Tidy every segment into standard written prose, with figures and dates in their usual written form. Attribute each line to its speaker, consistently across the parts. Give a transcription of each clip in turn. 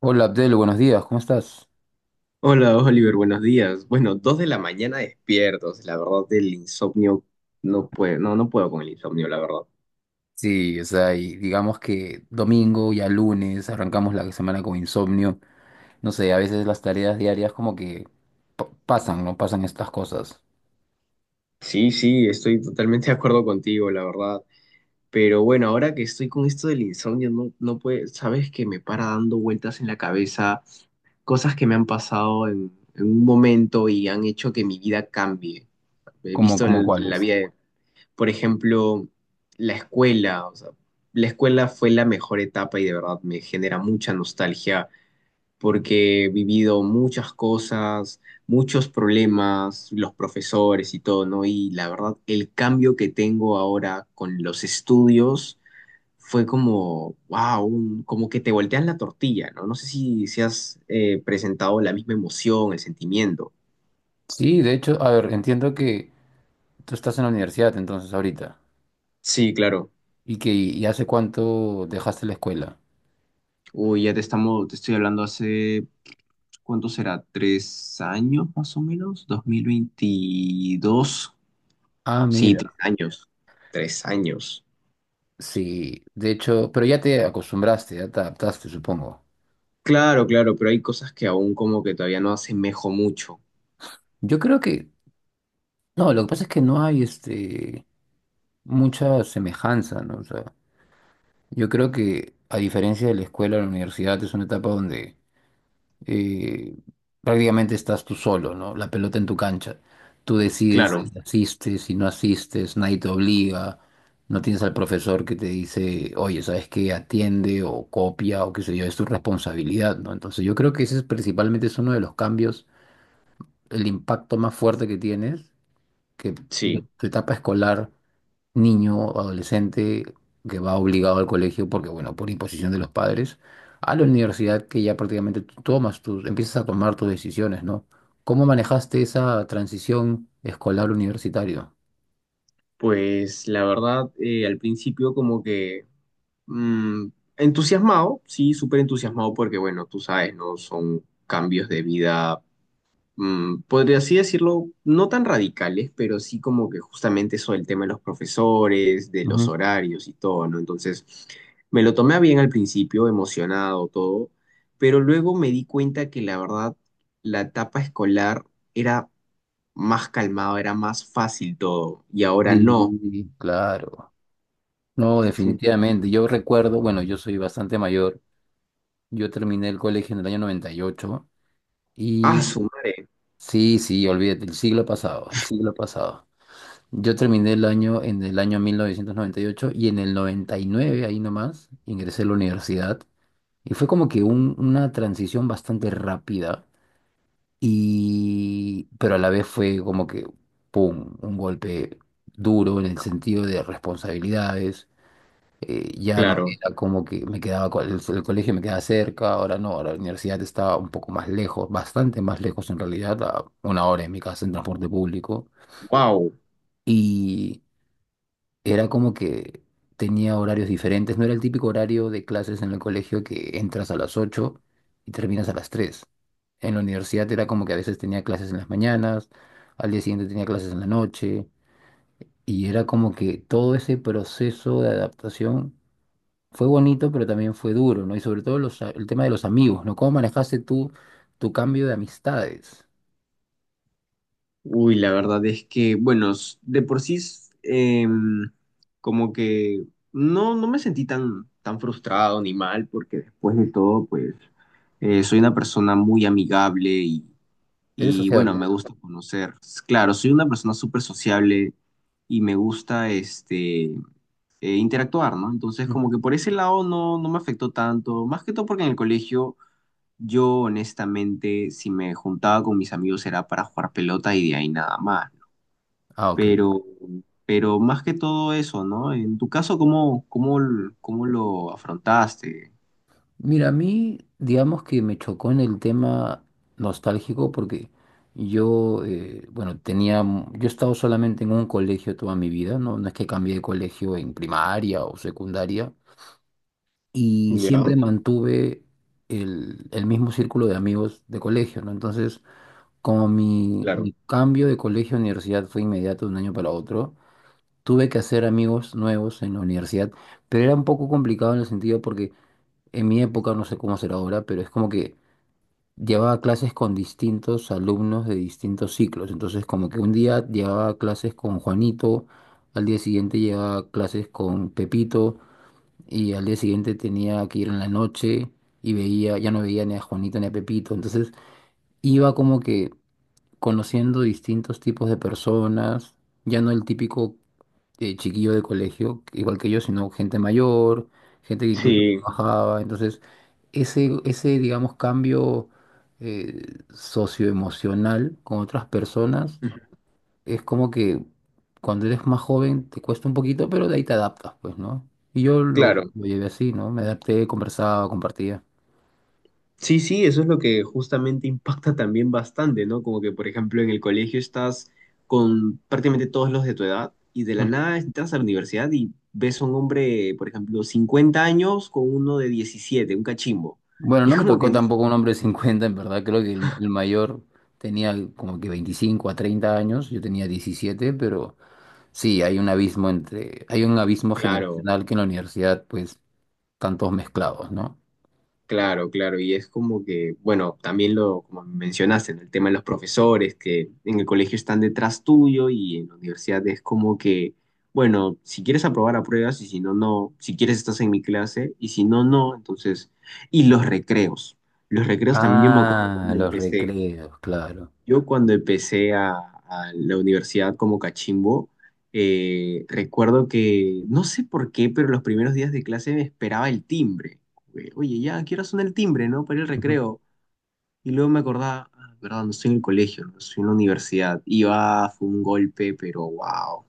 Speaker 1: Hola Abdel, buenos días, ¿cómo estás?
Speaker 2: Hola Oliver, buenos días. Bueno, dos de la mañana despiertos. La verdad, del insomnio no puedo, no, no puedo con el insomnio, la verdad.
Speaker 1: Sí, o sea, y digamos que domingo, ya lunes, arrancamos la semana con insomnio. No sé, a veces las tareas diarias como que pasan, ¿no? Pasan estas cosas.
Speaker 2: Sí, sí, estoy totalmente de acuerdo contigo, la verdad. Pero bueno, ahora que estoy con esto del insomnio, no, no puede, sabes que me para dando vueltas en la cabeza cosas que me han pasado en un momento y han hecho que mi vida cambie. He
Speaker 1: ¿Como,
Speaker 2: visto
Speaker 1: como
Speaker 2: la
Speaker 1: cuáles?
Speaker 2: vida por ejemplo, la escuela, o sea, la escuela fue la mejor etapa y de verdad me genera mucha nostalgia porque he vivido muchas cosas, muchos problemas, los profesores y todo, ¿no? Y la verdad, el cambio que tengo ahora con los estudios fue como, wow, como que te voltean la tortilla, ¿no? No sé si, si has presentado la misma emoción, el sentimiento.
Speaker 1: Sí, de hecho, a ver, entiendo que tú estás en la universidad entonces ahorita.
Speaker 2: Sí, claro.
Speaker 1: ¿Y hace cuánto dejaste la escuela?
Speaker 2: Uy, te estoy hablando hace, ¿cuánto será? ¿Tres años más o menos? ¿2022?
Speaker 1: Ah,
Speaker 2: Sí,
Speaker 1: mira.
Speaker 2: tres años. Tres años.
Speaker 1: Sí, de hecho, pero ya te acostumbraste, ya te adaptaste, supongo.
Speaker 2: Claro, claro, pero hay cosas que aún como que todavía no asemejo mucho.
Speaker 1: Yo creo que, no, lo que pasa es que no hay mucha semejanza, ¿no? O sea, yo creo que a diferencia de la escuela, la universidad es una etapa donde eh, prácticamente estás tú solo, ¿no? La pelota en tu cancha. Tú decides
Speaker 2: Claro,
Speaker 1: si asistes, si no asistes, nadie te obliga, no tienes al profesor que te dice, oye, ¿sabes qué? Atiende o copia o qué sé yo, es tu responsabilidad, ¿no? Entonces yo creo que ese es principalmente es uno de los cambios, el impacto más fuerte que tienes, que de
Speaker 2: sí.
Speaker 1: tu etapa escolar, niño o adolescente que va obligado al colegio porque, bueno, por imposición de los padres, a la universidad que ya prácticamente tú tomas tus, empiezas a tomar tus decisiones, ¿no? ¿Cómo manejaste esa transición escolar-universitario?
Speaker 2: Pues la verdad, al principio como que mm, entusiasmado, sí, súper entusiasmado porque bueno, tú sabes, ¿no? Son cambios de vida podría así decirlo, no tan radicales, pero sí como que justamente eso del tema de los profesores, de los
Speaker 1: Ujú.
Speaker 2: horarios y todo, ¿no? Entonces, me lo tomé a bien al principio, emocionado, todo, pero luego me di cuenta que la verdad, la etapa escolar era más calmado, era más fácil todo, y ahora no.
Speaker 1: Sí, claro. No,
Speaker 2: Fue un-
Speaker 1: definitivamente. Yo recuerdo, bueno, yo soy bastante mayor. Yo terminé el colegio en el año 98
Speaker 2: ¡Ah,
Speaker 1: y
Speaker 2: su madre!
Speaker 1: sí, sí, olvídate, el siglo pasado, el siglo pasado. Yo terminé el año en el año 1998 y ocho y en el 99, ahí nomás, ingresé a la universidad. Y fue como que una transición bastante rápida, y, pero a la vez fue como que, ¡pum!, un golpe duro en el sentido de responsabilidades. Ya no
Speaker 2: Claro,
Speaker 1: era como que me quedaba, el colegio me quedaba cerca, ahora no, ahora la universidad estaba un poco más lejos, bastante más lejos en realidad, a una hora en mi casa en transporte público.
Speaker 2: wow.
Speaker 1: Y era como que tenía horarios diferentes, no era el típico horario de clases en el colegio que entras a las 8 y terminas a las tres. En la universidad era como que a veces tenía clases en las mañanas, al día siguiente tenía clases en la noche, y era como que todo ese proceso de adaptación fue bonito, pero también fue duro, ¿no? Y sobre todo el tema de los amigos, ¿no? ¿Cómo manejaste tú tu cambio de amistades?
Speaker 2: Uy, la verdad es que, bueno, de por sí, como que no, no me sentí tan, tan frustrado ni mal, porque después de todo, pues, soy una persona muy amigable
Speaker 1: ¿Eres
Speaker 2: bueno,
Speaker 1: sociable?
Speaker 2: me gusta conocer. Claro, soy una persona súper sociable y me gusta, este, interactuar, ¿no? Entonces, como
Speaker 1: Ujú.
Speaker 2: que por ese lado no, no me afectó tanto, más que todo porque en el colegio... Yo, honestamente, si me juntaba con mis amigos era para jugar pelota y de ahí nada más,
Speaker 1: Ah, ok.
Speaker 2: pero, pero más que todo eso, ¿no? En tu caso, ¿ cómo lo afrontaste?
Speaker 1: Mira, a mí, digamos que me chocó en el tema nostálgico porque yo, bueno, yo he estado solamente en un colegio toda mi vida, ¿no? No es que cambié de colegio en primaria o secundaria y
Speaker 2: Ya,
Speaker 1: siempre mantuve el mismo círculo de amigos de colegio, ¿no? Entonces, como
Speaker 2: claro.
Speaker 1: mi cambio de colegio a universidad fue inmediato de un año para otro, tuve que hacer amigos nuevos en la universidad, pero era un poco complicado en el sentido porque... En mi época, no sé cómo será ahora, pero es como que llevaba clases con distintos alumnos de distintos ciclos. Entonces, como que un día llevaba clases con Juanito, al día siguiente llevaba clases con Pepito, y al día siguiente tenía que ir en la noche y veía, ya no veía ni a Juanito ni a Pepito. Entonces, iba como que conociendo distintos tipos de personas, ya no el típico chiquillo de colegio, igual que yo, sino gente mayor, gente que incluso
Speaker 2: Sí,
Speaker 1: trabajaba. Entonces, ese digamos, cambio eh, socioemocional con otras personas es como que cuando eres más joven te cuesta un poquito, pero de ahí te adaptas, pues, ¿no? Y yo
Speaker 2: claro.
Speaker 1: lo llevé así, ¿no? Me adapté, conversaba, compartía.
Speaker 2: Sí, sí, eso es lo que justamente impacta también bastante, ¿no? Como que, por ejemplo, en el colegio estás con prácticamente todos los de tu edad y de la nada entras a la universidad y ves a un hombre, por ejemplo, 50 años con uno de 17, un cachimbo.
Speaker 1: Bueno,
Speaker 2: Y
Speaker 1: no
Speaker 2: es
Speaker 1: me
Speaker 2: como que
Speaker 1: tocó
Speaker 2: dices,
Speaker 1: tampoco un hombre de 50, en verdad. Creo que el mayor tenía como que 25 a 30 años, yo tenía 17, pero sí, hay un abismo entre, hay un abismo
Speaker 2: claro.
Speaker 1: generacional que en la universidad, pues, están todos mezclados, ¿no?
Speaker 2: Claro, claro, y es como que, bueno, también lo, como mencionaste, en el tema de los profesores, que en el colegio están detrás tuyo y en la universidad es como que, bueno, si quieres aprobar, apruebas y si no, no, si quieres estás en mi clase y si no, no, entonces, y los recreos también yo me acuerdo
Speaker 1: Ah,
Speaker 2: cuando
Speaker 1: los
Speaker 2: empecé.
Speaker 1: recreos, claro.
Speaker 2: Yo cuando empecé a la universidad como cachimbo, recuerdo que, no sé por qué, pero los primeros días de clase me esperaba el timbre. Oye, ya, quiero sonar el timbre, ¿no? Para el
Speaker 1: Ujú.
Speaker 2: recreo. Y luego me acordaba, ah, verdad, no estoy en el colegio, no estoy en la universidad. Y va, fue un golpe, pero wow.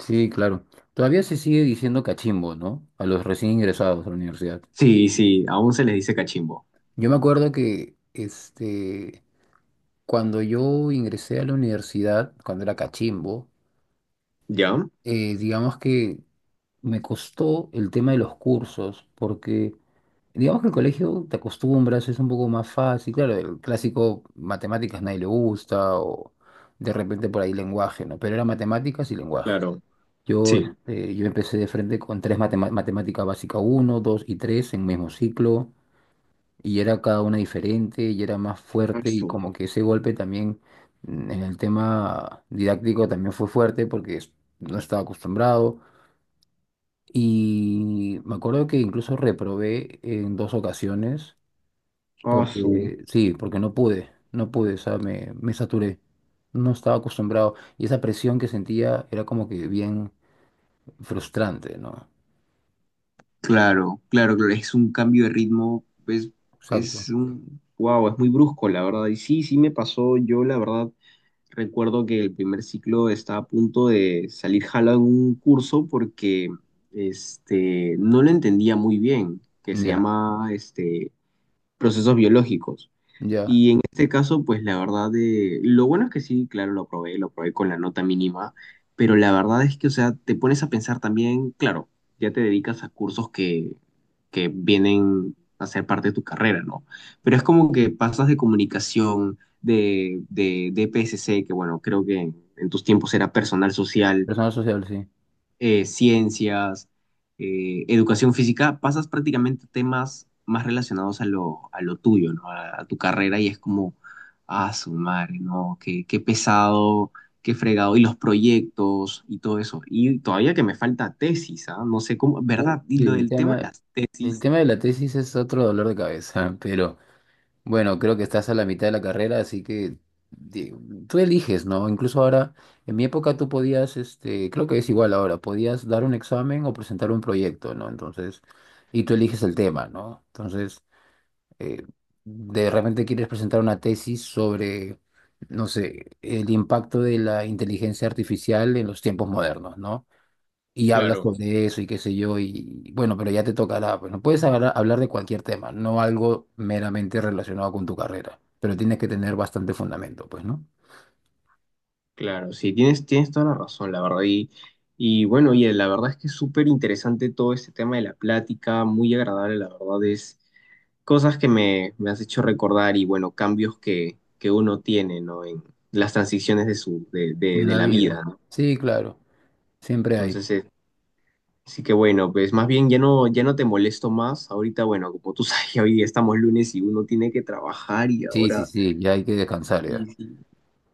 Speaker 1: Sí, claro. Todavía se sigue diciendo cachimbo, ¿no? A los recién ingresados a la universidad.
Speaker 2: Sí, sí, aún se les dice cachimbo.
Speaker 1: Yo me acuerdo que, este, cuando yo ingresé a la universidad, cuando era cachimbo,
Speaker 2: ¿Ya?
Speaker 1: digamos que me costó el tema de los cursos, porque digamos que el colegio te acostumbras, es un poco más fácil. Claro, el clásico matemáticas nadie le gusta, o de repente por ahí lenguaje, ¿no? Pero era matemáticas y lenguaje.
Speaker 2: Claro.
Speaker 1: Yo,
Speaker 2: Sí.
Speaker 1: este, yo empecé de frente con tres matemáticas matemática básica uno 2 y 3 en mismo ciclo, y era cada una diferente, y era más fuerte, y
Speaker 2: Asu,
Speaker 1: como que ese golpe también en el tema didáctico también fue fuerte porque no estaba acostumbrado. Y me acuerdo que incluso reprobé en dos ocasiones
Speaker 2: asu.
Speaker 1: porque, sí, porque no pude, no pude, o sea, me saturé. No estaba acostumbrado. Y esa presión que sentía era como que bien frustrante, ¿no?
Speaker 2: Claro, claro, claro, es un cambio de ritmo, pues
Speaker 1: Exacto.
Speaker 2: es un, wow, es muy brusco, la verdad. Y sí, sí me pasó, yo la verdad recuerdo que el primer ciclo estaba a punto de salir jalado en un curso porque este, no lo entendía muy bien, que se
Speaker 1: Ya,
Speaker 2: llama este, procesos biológicos
Speaker 1: ya.
Speaker 2: este caso, pues la verdad de... Lo bueno es que sí, claro, lo probé con la nota mínima, pero la verdad es que, o sea, te pones a pensar también, claro, ya te dedicas a cursos que vienen a ser parte de tu carrera, ¿no? Pero es como que pasas de comunicación, de PSC, que bueno, creo que en tus tiempos era personal social,
Speaker 1: Personal social, sí.
Speaker 2: ciencias, educación física, pasas prácticamente temas más relacionados a lo tuyo, ¿no? A tu carrera y es como, ah, su madre, ¿no? Qué pesado, qué fregado, y los proyectos y todo eso. Y todavía que me falta tesis, ¿ah? No sé cómo,
Speaker 1: Uh,
Speaker 2: ¿verdad? Y lo
Speaker 1: el
Speaker 2: del tema de
Speaker 1: tema,
Speaker 2: las
Speaker 1: el
Speaker 2: tesis.
Speaker 1: tema de la tesis es otro dolor de cabeza, pero bueno, creo que estás a la mitad de la carrera, así que di- tú eliges, ¿no? Incluso ahora, en mi época tú podías, este, creo que es igual ahora, podías dar un examen o presentar un proyecto, ¿no? Entonces, y tú eliges el tema, ¿no? Entonces, eh, de repente quieres presentar una tesis sobre, no sé, el impacto de la inteligencia artificial en los tiempos modernos, ¿no? Y hablas
Speaker 2: Claro,
Speaker 1: sobre eso y qué sé yo, y bueno, pero ya te tocará, pues no puedes hablar, hablar de cualquier tema, no algo meramente relacionado con tu carrera, pero tienes que tener bastante fundamento, pues, ¿no?
Speaker 2: claro, sí, tienes toda la razón, la verdad. Y bueno, y la verdad es que es súper interesante todo este tema de la plática, muy agradable, la verdad es cosas que me has hecho recordar y bueno, cambios que uno tiene, ¿no? En las transiciones de su,
Speaker 1: De
Speaker 2: de
Speaker 1: la
Speaker 2: la
Speaker 1: vida.
Speaker 2: vida, ¿no?
Speaker 1: Sí, claro, siempre hay.
Speaker 2: Entonces, sí que bueno, pues más bien ya no, ya no te molesto más. Ahorita, bueno, como tú sabes, ya hoy estamos lunes y uno tiene que trabajar y
Speaker 1: Sí, sí,
Speaker 2: ahora,
Speaker 1: sí, ya hay que descansar
Speaker 2: y,
Speaker 1: ya.
Speaker 2: sí,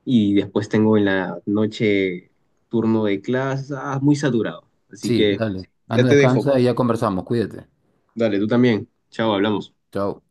Speaker 2: y después tengo en la noche turno de clases, ah, muy saturado. Así
Speaker 1: Sí,
Speaker 2: que
Speaker 1: dale.
Speaker 2: ya
Speaker 1: Anda,
Speaker 2: te dejo,
Speaker 1: descansa y
Speaker 2: pues.
Speaker 1: ya conversamos, cuídate.
Speaker 2: Dale, tú también. Chao, hablamos.
Speaker 1: Chao.